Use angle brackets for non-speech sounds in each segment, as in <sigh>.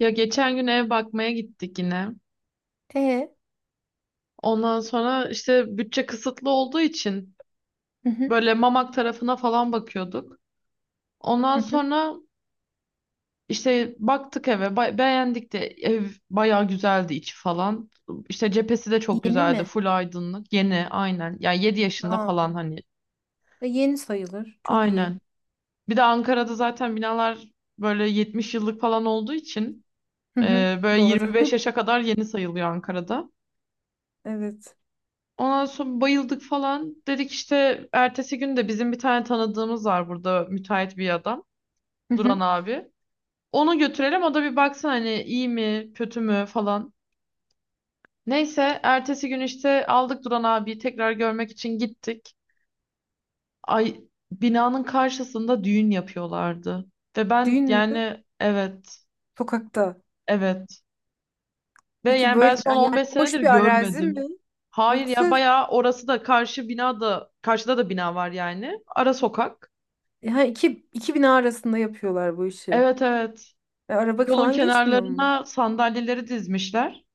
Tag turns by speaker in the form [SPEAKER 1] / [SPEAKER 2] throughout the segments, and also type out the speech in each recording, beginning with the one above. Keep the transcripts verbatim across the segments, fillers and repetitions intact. [SPEAKER 1] Ya geçen gün ev bakmaya gittik yine.
[SPEAKER 2] E,
[SPEAKER 1] Ondan sonra işte bütçe kısıtlı olduğu için
[SPEAKER 2] hı hı,
[SPEAKER 1] böyle Mamak tarafına falan bakıyorduk. Ondan
[SPEAKER 2] hı hı.
[SPEAKER 1] sonra işte baktık eve, ba- beğendik de ev bayağı güzeldi içi falan. İşte cephesi de çok
[SPEAKER 2] Yeni
[SPEAKER 1] güzeldi,
[SPEAKER 2] mi?
[SPEAKER 1] full aydınlık, yeni aynen. Yani yedi yaşında
[SPEAKER 2] Aa,
[SPEAKER 1] falan hani
[SPEAKER 2] e, yeni sayılır. Çok iyi.
[SPEAKER 1] aynen. Bir de Ankara'da zaten binalar böyle yetmiş yıllık falan olduğu için
[SPEAKER 2] Hı hı,
[SPEAKER 1] e, böyle
[SPEAKER 2] doğru.
[SPEAKER 1] yirmi beş
[SPEAKER 2] <laughs>
[SPEAKER 1] yaşa kadar yeni sayılıyor Ankara'da.
[SPEAKER 2] Evet.
[SPEAKER 1] Ondan sonra bayıldık falan. Dedik işte ertesi gün de bizim bir tane tanıdığımız var burada müteahhit bir adam.
[SPEAKER 2] Hı
[SPEAKER 1] Duran
[SPEAKER 2] hı.
[SPEAKER 1] abi. Onu götürelim o da bir baksın hani iyi mi kötü mü falan. Neyse ertesi gün işte aldık Duran abiyi tekrar görmek için gittik. Ay, binanın karşısında düğün yapıyorlardı. Ve ben
[SPEAKER 2] Düğün mü?
[SPEAKER 1] yani evet,
[SPEAKER 2] Sokakta.
[SPEAKER 1] evet. Ve
[SPEAKER 2] Peki
[SPEAKER 1] yani ben
[SPEAKER 2] böyle
[SPEAKER 1] son
[SPEAKER 2] yani
[SPEAKER 1] on beş senedir
[SPEAKER 2] boş bir arazi
[SPEAKER 1] görmedim.
[SPEAKER 2] mi?
[SPEAKER 1] Hayır ya,
[SPEAKER 2] Yoksa
[SPEAKER 1] bayağı orası da karşı binada, karşıda da bina var yani. Ara sokak.
[SPEAKER 2] ha, iki, iki bina arasında yapıyorlar bu işi.
[SPEAKER 1] Evet, evet.
[SPEAKER 2] E, araba
[SPEAKER 1] Yolun
[SPEAKER 2] falan geçmiyor mu?
[SPEAKER 1] kenarlarına sandalyeleri dizmişler.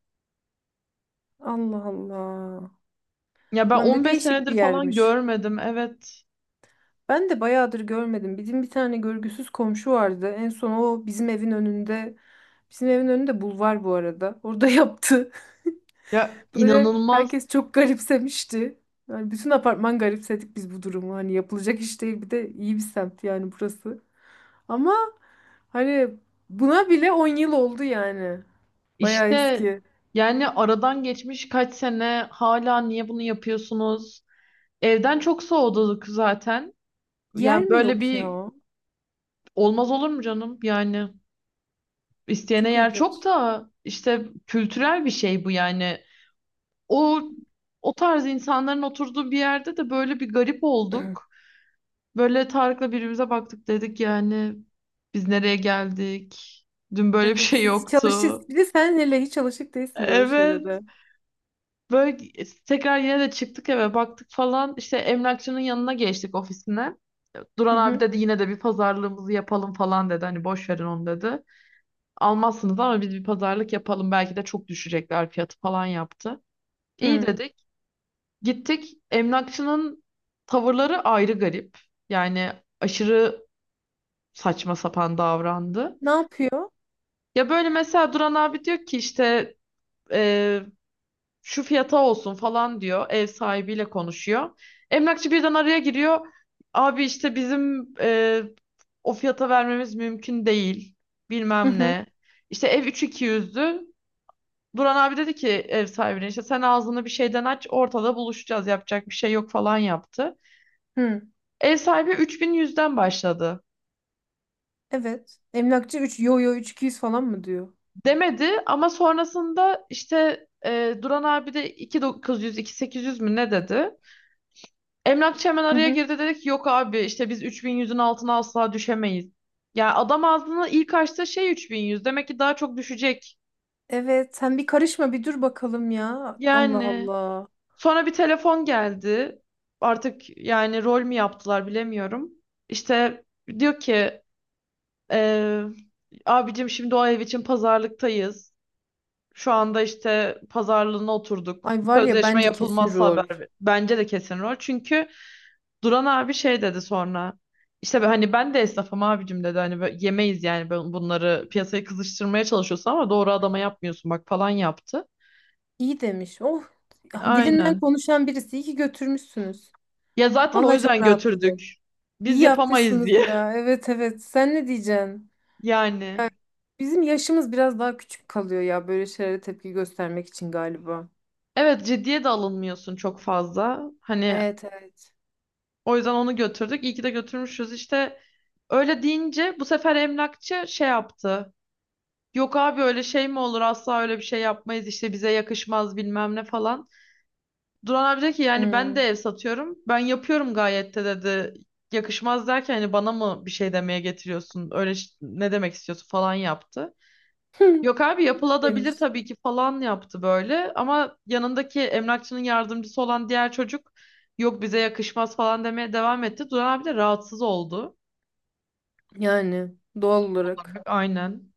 [SPEAKER 2] Allah Allah.
[SPEAKER 1] Ya ben
[SPEAKER 2] Ulan ne
[SPEAKER 1] on beş
[SPEAKER 2] değişik bir
[SPEAKER 1] senedir falan
[SPEAKER 2] yermiş.
[SPEAKER 1] görmedim. Evet.
[SPEAKER 2] Ben de bayağıdır görmedim. Bizim bir tane görgüsüz komşu vardı. En son o bizim evin önünde. Bizim evin önünde bulvar bu arada. Orada <laughs> yaptı.
[SPEAKER 1] Ya
[SPEAKER 2] Böyle
[SPEAKER 1] inanılmaz.
[SPEAKER 2] herkes çok garipsemişti. Yani bütün apartman garipsedik biz bu durumu. Hani yapılacak iş değil, bir de iyi bir semt yani burası. Ama hani buna bile on yıl oldu yani. Bayağı
[SPEAKER 1] İşte
[SPEAKER 2] eski.
[SPEAKER 1] yani aradan geçmiş kaç sene, hala niye bunu yapıyorsunuz? Evden çok soğuduk zaten.
[SPEAKER 2] Yer
[SPEAKER 1] Yani
[SPEAKER 2] mi
[SPEAKER 1] böyle
[SPEAKER 2] yok
[SPEAKER 1] bir
[SPEAKER 2] ya?
[SPEAKER 1] olmaz olur mu canım? Yani isteyene
[SPEAKER 2] Çok
[SPEAKER 1] yer çok,
[SPEAKER 2] ilginç.
[SPEAKER 1] da işte kültürel bir şey bu yani. O o tarz insanların oturduğu bir yerde de böyle bir garip
[SPEAKER 2] <clears throat>
[SPEAKER 1] olduk. Böyle Tarık'la birbirimize baktık, dedik yani biz nereye geldik? Dün böyle bir
[SPEAKER 2] Evet
[SPEAKER 1] şey
[SPEAKER 2] siz hiç
[SPEAKER 1] yoktu.
[SPEAKER 2] alışık, bir de sen hele hiç alışık değilsin böyle
[SPEAKER 1] Evet.
[SPEAKER 2] şeylere.
[SPEAKER 1] Böyle tekrar yine de çıktık, eve baktık falan. İşte emlakçının yanına geçtik, ofisine.
[SPEAKER 2] Hı
[SPEAKER 1] Duran abi
[SPEAKER 2] hı.
[SPEAKER 1] dedi yine de bir pazarlığımızı yapalım falan dedi. Hani boş verin onu dedi. Almazsınız ama biz bir pazarlık yapalım. Belki de çok düşecekler fiyatı falan yaptı. İyi
[SPEAKER 2] Hı.
[SPEAKER 1] dedik. Gittik. Emlakçının tavırları ayrı garip. Yani aşırı saçma sapan davrandı.
[SPEAKER 2] Ne yapıyor?
[SPEAKER 1] Ya böyle mesela Duran abi diyor ki işte e, şu fiyata olsun falan diyor. Ev sahibiyle konuşuyor. Emlakçı birden araya giriyor. Abi işte bizim e, o fiyata vermemiz mümkün değil.
[SPEAKER 2] Hı
[SPEAKER 1] Bilmem
[SPEAKER 2] hı.
[SPEAKER 1] ne. İşte ev üç bin iki yüzdü. Duran abi dedi ki ev sahibine işte sen ağzını bir şeyden aç, ortada buluşacağız, yapacak bir şey yok falan yaptı.
[SPEAKER 2] Hı.
[SPEAKER 1] Ev sahibi üç bin yüzden başladı.
[SPEAKER 2] Evet. Emlakçı üç. Yo yo, üç bin iki yüz falan mı diyor?
[SPEAKER 1] demedi ama sonrasında işte e, Duran abi de iki bin dokuz yüz iki bin sekiz yüz mü ne dedi? Emlakçı hemen araya girdi, dedi ki yok abi işte biz üç bin yüzün altına asla düşemeyiz. Ya adam ağzını ilk açtığı şey üç bin yüz, demek ki daha çok düşecek.
[SPEAKER 2] Evet, sen bir karışma bir dur bakalım ya. Allah
[SPEAKER 1] Yani
[SPEAKER 2] Allah.
[SPEAKER 1] sonra bir telefon geldi. Artık yani rol mü yaptılar bilemiyorum. İşte diyor ki e, abicim şimdi o ev için pazarlıktayız. Şu anda işte pazarlığına oturduk.
[SPEAKER 2] Ay var ya
[SPEAKER 1] Sözleşme
[SPEAKER 2] bence kesin
[SPEAKER 1] yapılmazsa haber
[SPEAKER 2] rol.
[SPEAKER 1] ver- bence de kesin rol. Çünkü Duran abi şey dedi sonra. İşte ben- hani ben de esnafım abicim dedi. Hani böyle yemeyiz yani, ben bunları piyasaya kızıştırmaya çalışıyorsun ama doğru adama yapmıyorsun bak falan yaptı.
[SPEAKER 2] İyi demiş. Oh, ya dilinden
[SPEAKER 1] Aynen.
[SPEAKER 2] konuşan birisi. İyi ki götürmüşsünüz.
[SPEAKER 1] Ya zaten o
[SPEAKER 2] Vallahi çok
[SPEAKER 1] yüzden götürdük.
[SPEAKER 2] rahatladım. İyi
[SPEAKER 1] Biz yapamayız
[SPEAKER 2] yapmışsınız
[SPEAKER 1] diye.
[SPEAKER 2] ya. Evet evet. Sen ne diyeceksin?
[SPEAKER 1] <laughs> Yani.
[SPEAKER 2] Ya bizim yaşımız biraz daha küçük kalıyor ya böyle şeylere tepki göstermek için galiba.
[SPEAKER 1] Evet, ciddiye de alınmıyorsun çok fazla. Hani
[SPEAKER 2] Evet evet.
[SPEAKER 1] o yüzden onu götürdük. İyi ki de götürmüşüz. İşte öyle deyince bu sefer emlakçı şey yaptı. Yok abi öyle şey mi olur, asla öyle bir şey yapmayız, işte bize yakışmaz bilmem ne falan. Duran abi dedi ki yani ben de
[SPEAKER 2] Hmm.
[SPEAKER 1] ev satıyorum, ben yapıyorum gayet de dedi. Yakışmaz derken hani bana mı bir şey demeye getiriyorsun, öyle ş- ne demek istiyorsun falan yaptı.
[SPEAKER 2] <laughs>
[SPEAKER 1] Yok abi yapılabilir
[SPEAKER 2] demiş.
[SPEAKER 1] tabii ki falan yaptı böyle, ama yanındaki emlakçının yardımcısı olan diğer çocuk yok bize yakışmaz falan demeye devam etti. Duran abi de rahatsız oldu.
[SPEAKER 2] Yani doğal
[SPEAKER 1] Olarak,
[SPEAKER 2] olarak.
[SPEAKER 1] aynen.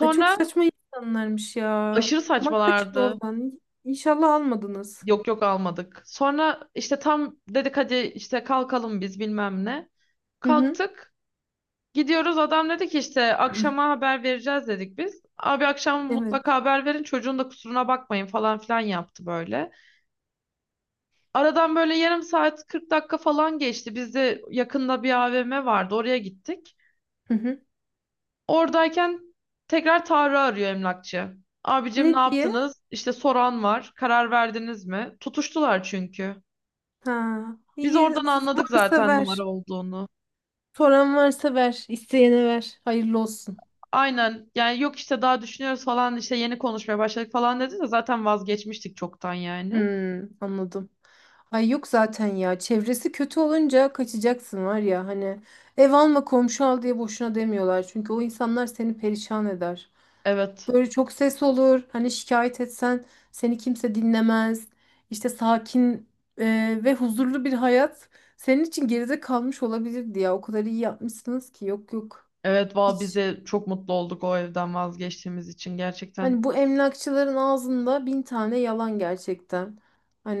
[SPEAKER 2] Ay çok saçma insanlarmış ya.
[SPEAKER 1] aşırı
[SPEAKER 2] Ama kaçın
[SPEAKER 1] saçmalardı.
[SPEAKER 2] oradan. İnşallah almadınız.
[SPEAKER 1] Yok, yok, almadık. Sonra işte tam dedik hadi işte kalkalım biz bilmem ne.
[SPEAKER 2] Hı hı.
[SPEAKER 1] Kalktık. Gidiyoruz, adam dedi ki işte akşama haber vereceğiz dedik biz. Abi akşam
[SPEAKER 2] Evet.
[SPEAKER 1] mutlaka haber verin, çocuğun da kusuruna bakmayın falan filan yaptı böyle. Aradan böyle yarım saat kırk dakika falan geçti. Biz de yakında bir A V M vardı, oraya gittik.
[SPEAKER 2] Hı hı.
[SPEAKER 1] Oradayken tekrar Tarık'ı arıyor emlakçı. Abicim ne
[SPEAKER 2] Ne diye?
[SPEAKER 1] yaptınız? İşte soran var. Karar verdiniz mi? Tutuştular çünkü.
[SPEAKER 2] Ha.
[SPEAKER 1] Biz
[SPEAKER 2] İyi
[SPEAKER 1] oradan anladık
[SPEAKER 2] varsa
[SPEAKER 1] zaten numara
[SPEAKER 2] ver.
[SPEAKER 1] olduğunu.
[SPEAKER 2] Soran varsa ver. İsteyene ver. Hayırlı olsun.
[SPEAKER 1] Aynen yani, yok işte daha düşünüyoruz falan, işte yeni konuşmaya başladık falan dedi, de zaten vazgeçmiştik çoktan yani.
[SPEAKER 2] Hmm, anladım. Ay yok zaten ya. Çevresi kötü olunca kaçacaksın var ya, hani ev alma komşu al diye boşuna demiyorlar. Çünkü o insanlar seni perişan eder.
[SPEAKER 1] Evet.
[SPEAKER 2] Böyle çok ses olur. Hani şikayet etsen seni kimse dinlemez. İşte sakin e, ve huzurlu bir hayat senin için geride kalmış olabilirdi ya. O kadar iyi yapmışsınız ki. Yok yok.
[SPEAKER 1] Evet valla, biz
[SPEAKER 2] Hiç.
[SPEAKER 1] de çok mutlu olduk o evden vazgeçtiğimiz için
[SPEAKER 2] Hani
[SPEAKER 1] gerçekten.
[SPEAKER 2] bu emlakçıların ağzında bin tane yalan gerçekten.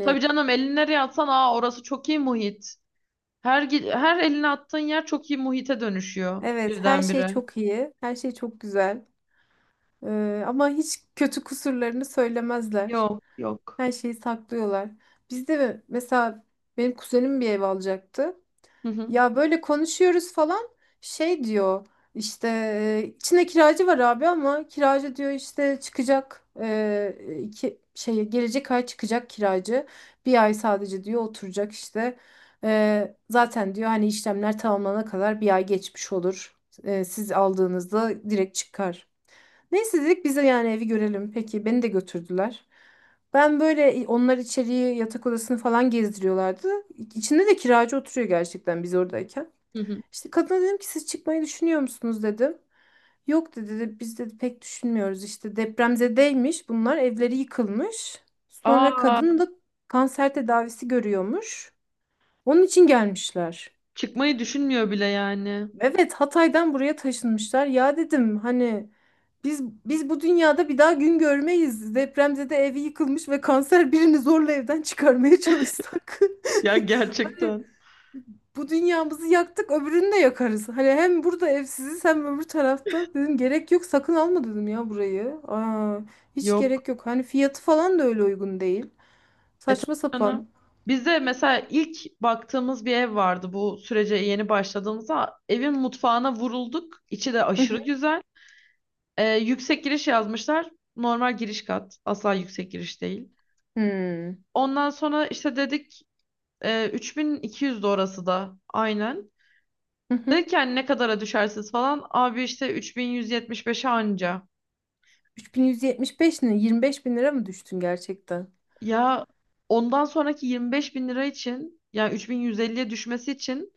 [SPEAKER 1] Tabii canım, elini nereye atsan aa orası çok iyi muhit. Her gi- her elini attığın yer çok iyi muhite dönüşüyor
[SPEAKER 2] evet, her şey
[SPEAKER 1] birdenbire.
[SPEAKER 2] çok iyi. Her şey çok güzel. E, ama hiç kötü kusurlarını söylemezler.
[SPEAKER 1] Yok, yok.
[SPEAKER 2] Her şeyi saklıyorlar. Bizde mi- mesela benim kuzenim bir ev alacaktı.
[SPEAKER 1] Hı hı,
[SPEAKER 2] Ya böyle konuşuyoruz falan, şey diyor işte e, içinde kiracı var abi ama kiracı diyor işte çıkacak, e, iki, şey gelecek ay çıkacak kiracı, bir ay sadece diyor oturacak işte. E, zaten diyor hani işlemler tamamlanana kadar bir ay geçmiş olur. E, siz aldığınızda direkt çıkar. Neyse dedik bize yani evi görelim. Peki beni de götürdüler. Ben böyle onlar içeriği yatak odasını falan gezdiriyorlardı. İçinde de kiracı oturuyor gerçekten biz oradayken.
[SPEAKER 1] hı hı.
[SPEAKER 2] İşte kadına dedim ki siz çıkmayı düşünüyor musunuz dedim. Yok dedi, dedi biz dedi pek düşünmüyoruz işte depremzedeymiş bunlar, evleri yıkılmış. Sonra
[SPEAKER 1] Aa,
[SPEAKER 2] kadın da kanser tedavisi görüyormuş. Onun için gelmişler.
[SPEAKER 1] çıkmayı düşünmüyor bile yani.
[SPEAKER 2] Evet, Hatay'dan buraya taşınmışlar. Ya dedim hani biz biz bu dünyada bir daha gün görmeyiz. Depremzede evi yıkılmış ve kanser birini zorla evden çıkarmaya çalışsak.
[SPEAKER 1] Ya
[SPEAKER 2] <laughs>
[SPEAKER 1] gerçekten.
[SPEAKER 2] Bu dünyamızı yaktık öbürünü de yakarız. Hani hem burada evsiziz hem öbür tarafta. Dedim gerek yok sakın alma dedim ya burayı. Aa, hiç
[SPEAKER 1] Yok.
[SPEAKER 2] gerek yok. Hani fiyatı falan da öyle uygun değil.
[SPEAKER 1] E tabii
[SPEAKER 2] Saçma
[SPEAKER 1] canım.
[SPEAKER 2] sapan.
[SPEAKER 1] Bizde mesela ilk baktığımız bir ev vardı bu sürece yeni başladığımızda. Evin mutfağına vurulduk. İçi de
[SPEAKER 2] Hı
[SPEAKER 1] aşırı
[SPEAKER 2] hı.
[SPEAKER 1] güzel. E, yüksek giriş yazmışlar. Normal giriş kat. Asla yüksek giriş değil.
[SPEAKER 2] Hmm.
[SPEAKER 1] Ondan sonra işte dedik e, üç bin iki yüzdü orası da. Aynen.
[SPEAKER 2] Hı hı.
[SPEAKER 1] Dedik yani ne kadara düşersiniz falan. Abi işte üç bin yüz yetmiş beşe anca.
[SPEAKER 2] üç bin yüz yetmiş beş ne? yirmi beş bin lira mı düştün gerçekten?
[SPEAKER 1] Ya ondan sonraki yirmi beş bin lira için yani üç bin yüz elliye düşmesi için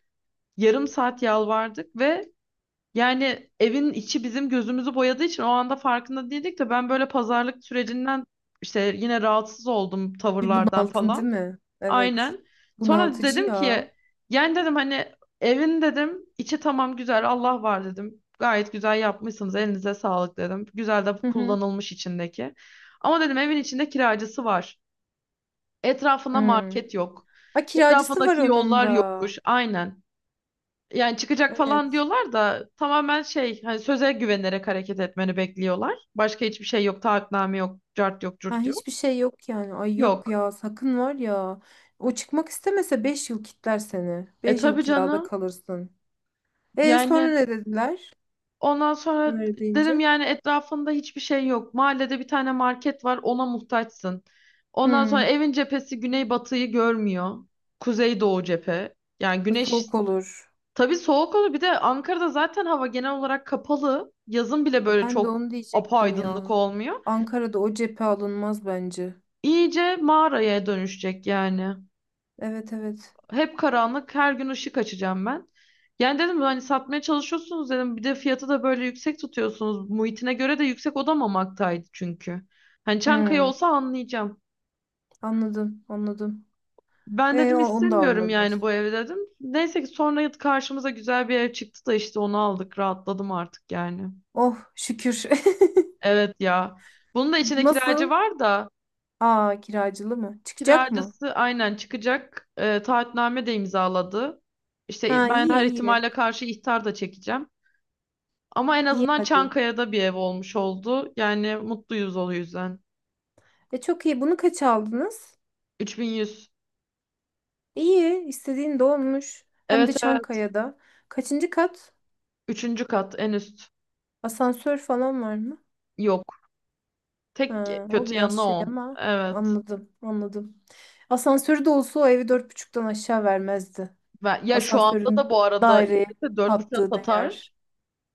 [SPEAKER 1] yarım saat yalvardık ve yani evin içi bizim gözümüzü boyadığı için o anda farkında değildik, de ben böyle pazarlık sürecinden işte yine rahatsız oldum
[SPEAKER 2] Bir
[SPEAKER 1] tavırlardan
[SPEAKER 2] bunaldın
[SPEAKER 1] falan.
[SPEAKER 2] değil mi? Evet.
[SPEAKER 1] Aynen. Sonra
[SPEAKER 2] Bunaltıcı
[SPEAKER 1] dedim
[SPEAKER 2] ya.
[SPEAKER 1] ki yani dedim hani evin dedim içi tamam güzel, Allah var dedim. Gayet güzel yapmışsınız, elinize sağlık dedim. Güzel de
[SPEAKER 2] Hı hı.
[SPEAKER 1] kullanılmış içindeki. Ama dedim evin içinde kiracısı var. Etrafında
[SPEAKER 2] Hmm.
[SPEAKER 1] market yok.
[SPEAKER 2] Ay kiracısı var
[SPEAKER 1] Etrafındaki
[SPEAKER 2] onun
[SPEAKER 1] yollar
[SPEAKER 2] da.
[SPEAKER 1] yokmuş. Aynen. Yani çıkacak falan
[SPEAKER 2] Evet.
[SPEAKER 1] diyorlar da tamamen şey, hani söze güvenerek hareket etmeni bekliyorlar. Başka hiçbir şey yok. Taahhütname yok. Cart yok.
[SPEAKER 2] Ha,
[SPEAKER 1] Cürt yok.
[SPEAKER 2] hiçbir şey yok yani. Ay yok
[SPEAKER 1] Yok.
[SPEAKER 2] ya, sakın var ya. O çıkmak istemese beş yıl kitler seni.
[SPEAKER 1] E
[SPEAKER 2] Beş yıl
[SPEAKER 1] tabii
[SPEAKER 2] kirada
[SPEAKER 1] canım.
[SPEAKER 2] kalırsın. E sonra
[SPEAKER 1] Yani
[SPEAKER 2] ne dediler?
[SPEAKER 1] ondan sonra
[SPEAKER 2] Öyle
[SPEAKER 1] dedim
[SPEAKER 2] deyince.
[SPEAKER 1] yani etrafında hiçbir şey yok. Mahallede bir tane market var. Ona muhtaçsın. Ondan sonra
[SPEAKER 2] Hmm.
[SPEAKER 1] evin cephesi güney batıyı görmüyor. Kuzey doğu cephe. Yani güneş.
[SPEAKER 2] Soğuk olur.
[SPEAKER 1] Tabii soğuk olur. Bir de Ankara'da zaten hava genel olarak kapalı. Yazın bile böyle
[SPEAKER 2] Ben de
[SPEAKER 1] çok
[SPEAKER 2] onu diyecektim
[SPEAKER 1] apaydınlık
[SPEAKER 2] ya.
[SPEAKER 1] olmuyor.
[SPEAKER 2] Ankara'da o cephe alınmaz bence.
[SPEAKER 1] İyice mağaraya dönüşecek yani.
[SPEAKER 2] Evet evet.
[SPEAKER 1] Hep karanlık, her gün ışık açacağım ben. Yani dedim hani satmaya çalışıyorsunuz dedim. Bir de fiyatı da böyle yüksek tutuyorsunuz. Muhitine göre de yüksek odamamaktaydı çünkü. Hani Çankaya
[SPEAKER 2] Hmm.
[SPEAKER 1] olsa anlayacağım.
[SPEAKER 2] Anladım anladım.
[SPEAKER 1] Ben
[SPEAKER 2] E o-
[SPEAKER 1] dedim
[SPEAKER 2] onu da
[SPEAKER 1] istemiyorum
[SPEAKER 2] almadın.
[SPEAKER 1] yani bu evi dedim. Neyse ki sonra karşımıza güzel bir ev çıktı da işte onu aldık. Rahatladım artık yani.
[SPEAKER 2] Oh şükür.
[SPEAKER 1] Evet ya. Bunun da
[SPEAKER 2] <laughs>
[SPEAKER 1] içinde kiracı
[SPEAKER 2] Nasıl?
[SPEAKER 1] var da
[SPEAKER 2] Aa kiracılı mı? Çıkacak mı?
[SPEAKER 1] kiracısı aynen çıkacak. E, taahhütname de imzaladı.
[SPEAKER 2] Ha
[SPEAKER 1] İşte ben
[SPEAKER 2] iyi
[SPEAKER 1] her
[SPEAKER 2] iyi.
[SPEAKER 1] ihtimale karşı ihtar da çekeceğim. Ama en
[SPEAKER 2] İyi
[SPEAKER 1] azından
[SPEAKER 2] hadi.
[SPEAKER 1] Çankaya'da bir ev olmuş oldu. Yani mutluyuz o yüzden.
[SPEAKER 2] E çok iyi. Bunu kaç aldınız?
[SPEAKER 1] üç bin yüz.
[SPEAKER 2] İyi. İstediğin de olmuş. Hem de
[SPEAKER 1] Evet, evet.
[SPEAKER 2] Çankaya'da. Kaçıncı kat?
[SPEAKER 1] Üçüncü kat en üst.
[SPEAKER 2] Asansör falan var mı?
[SPEAKER 1] Yok. Tek
[SPEAKER 2] Ha, o
[SPEAKER 1] kötü
[SPEAKER 2] biraz
[SPEAKER 1] yanı
[SPEAKER 2] şey
[SPEAKER 1] o.
[SPEAKER 2] ama
[SPEAKER 1] Evet.
[SPEAKER 2] anladım anladım. Asansörü de olsa o evi dört buçuktan aşağı vermezdi.
[SPEAKER 1] Ve- ya şu anda da
[SPEAKER 2] Asansörün
[SPEAKER 1] bu arada
[SPEAKER 2] daireye
[SPEAKER 1] istese dört virgül beşe
[SPEAKER 2] kattığı
[SPEAKER 1] satar.
[SPEAKER 2] değer.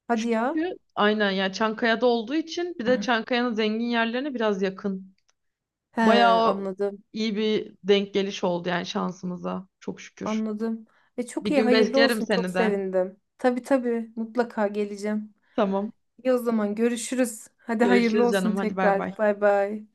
[SPEAKER 2] Hadi ya.
[SPEAKER 1] Çünkü aynen ya Çankaya'da olduğu için, bir de Çankaya'nın zengin yerlerine biraz yakın.
[SPEAKER 2] <clears throat> He
[SPEAKER 1] Bayağı
[SPEAKER 2] anladım.
[SPEAKER 1] iyi bir denk geliş oldu yani şansımıza. Çok şükür.
[SPEAKER 2] Anladım. E çok
[SPEAKER 1] Bir
[SPEAKER 2] iyi,
[SPEAKER 1] gün
[SPEAKER 2] hayırlı
[SPEAKER 1] beklerim
[SPEAKER 2] olsun. Çok
[SPEAKER 1] seni de.
[SPEAKER 2] sevindim. Tabii tabii, mutlaka geleceğim.
[SPEAKER 1] Tamam.
[SPEAKER 2] İyi o zaman görüşürüz. Hadi hayırlı
[SPEAKER 1] Görüşürüz
[SPEAKER 2] olsun
[SPEAKER 1] canım. Hadi bay bay.
[SPEAKER 2] tekrar. Bay bay.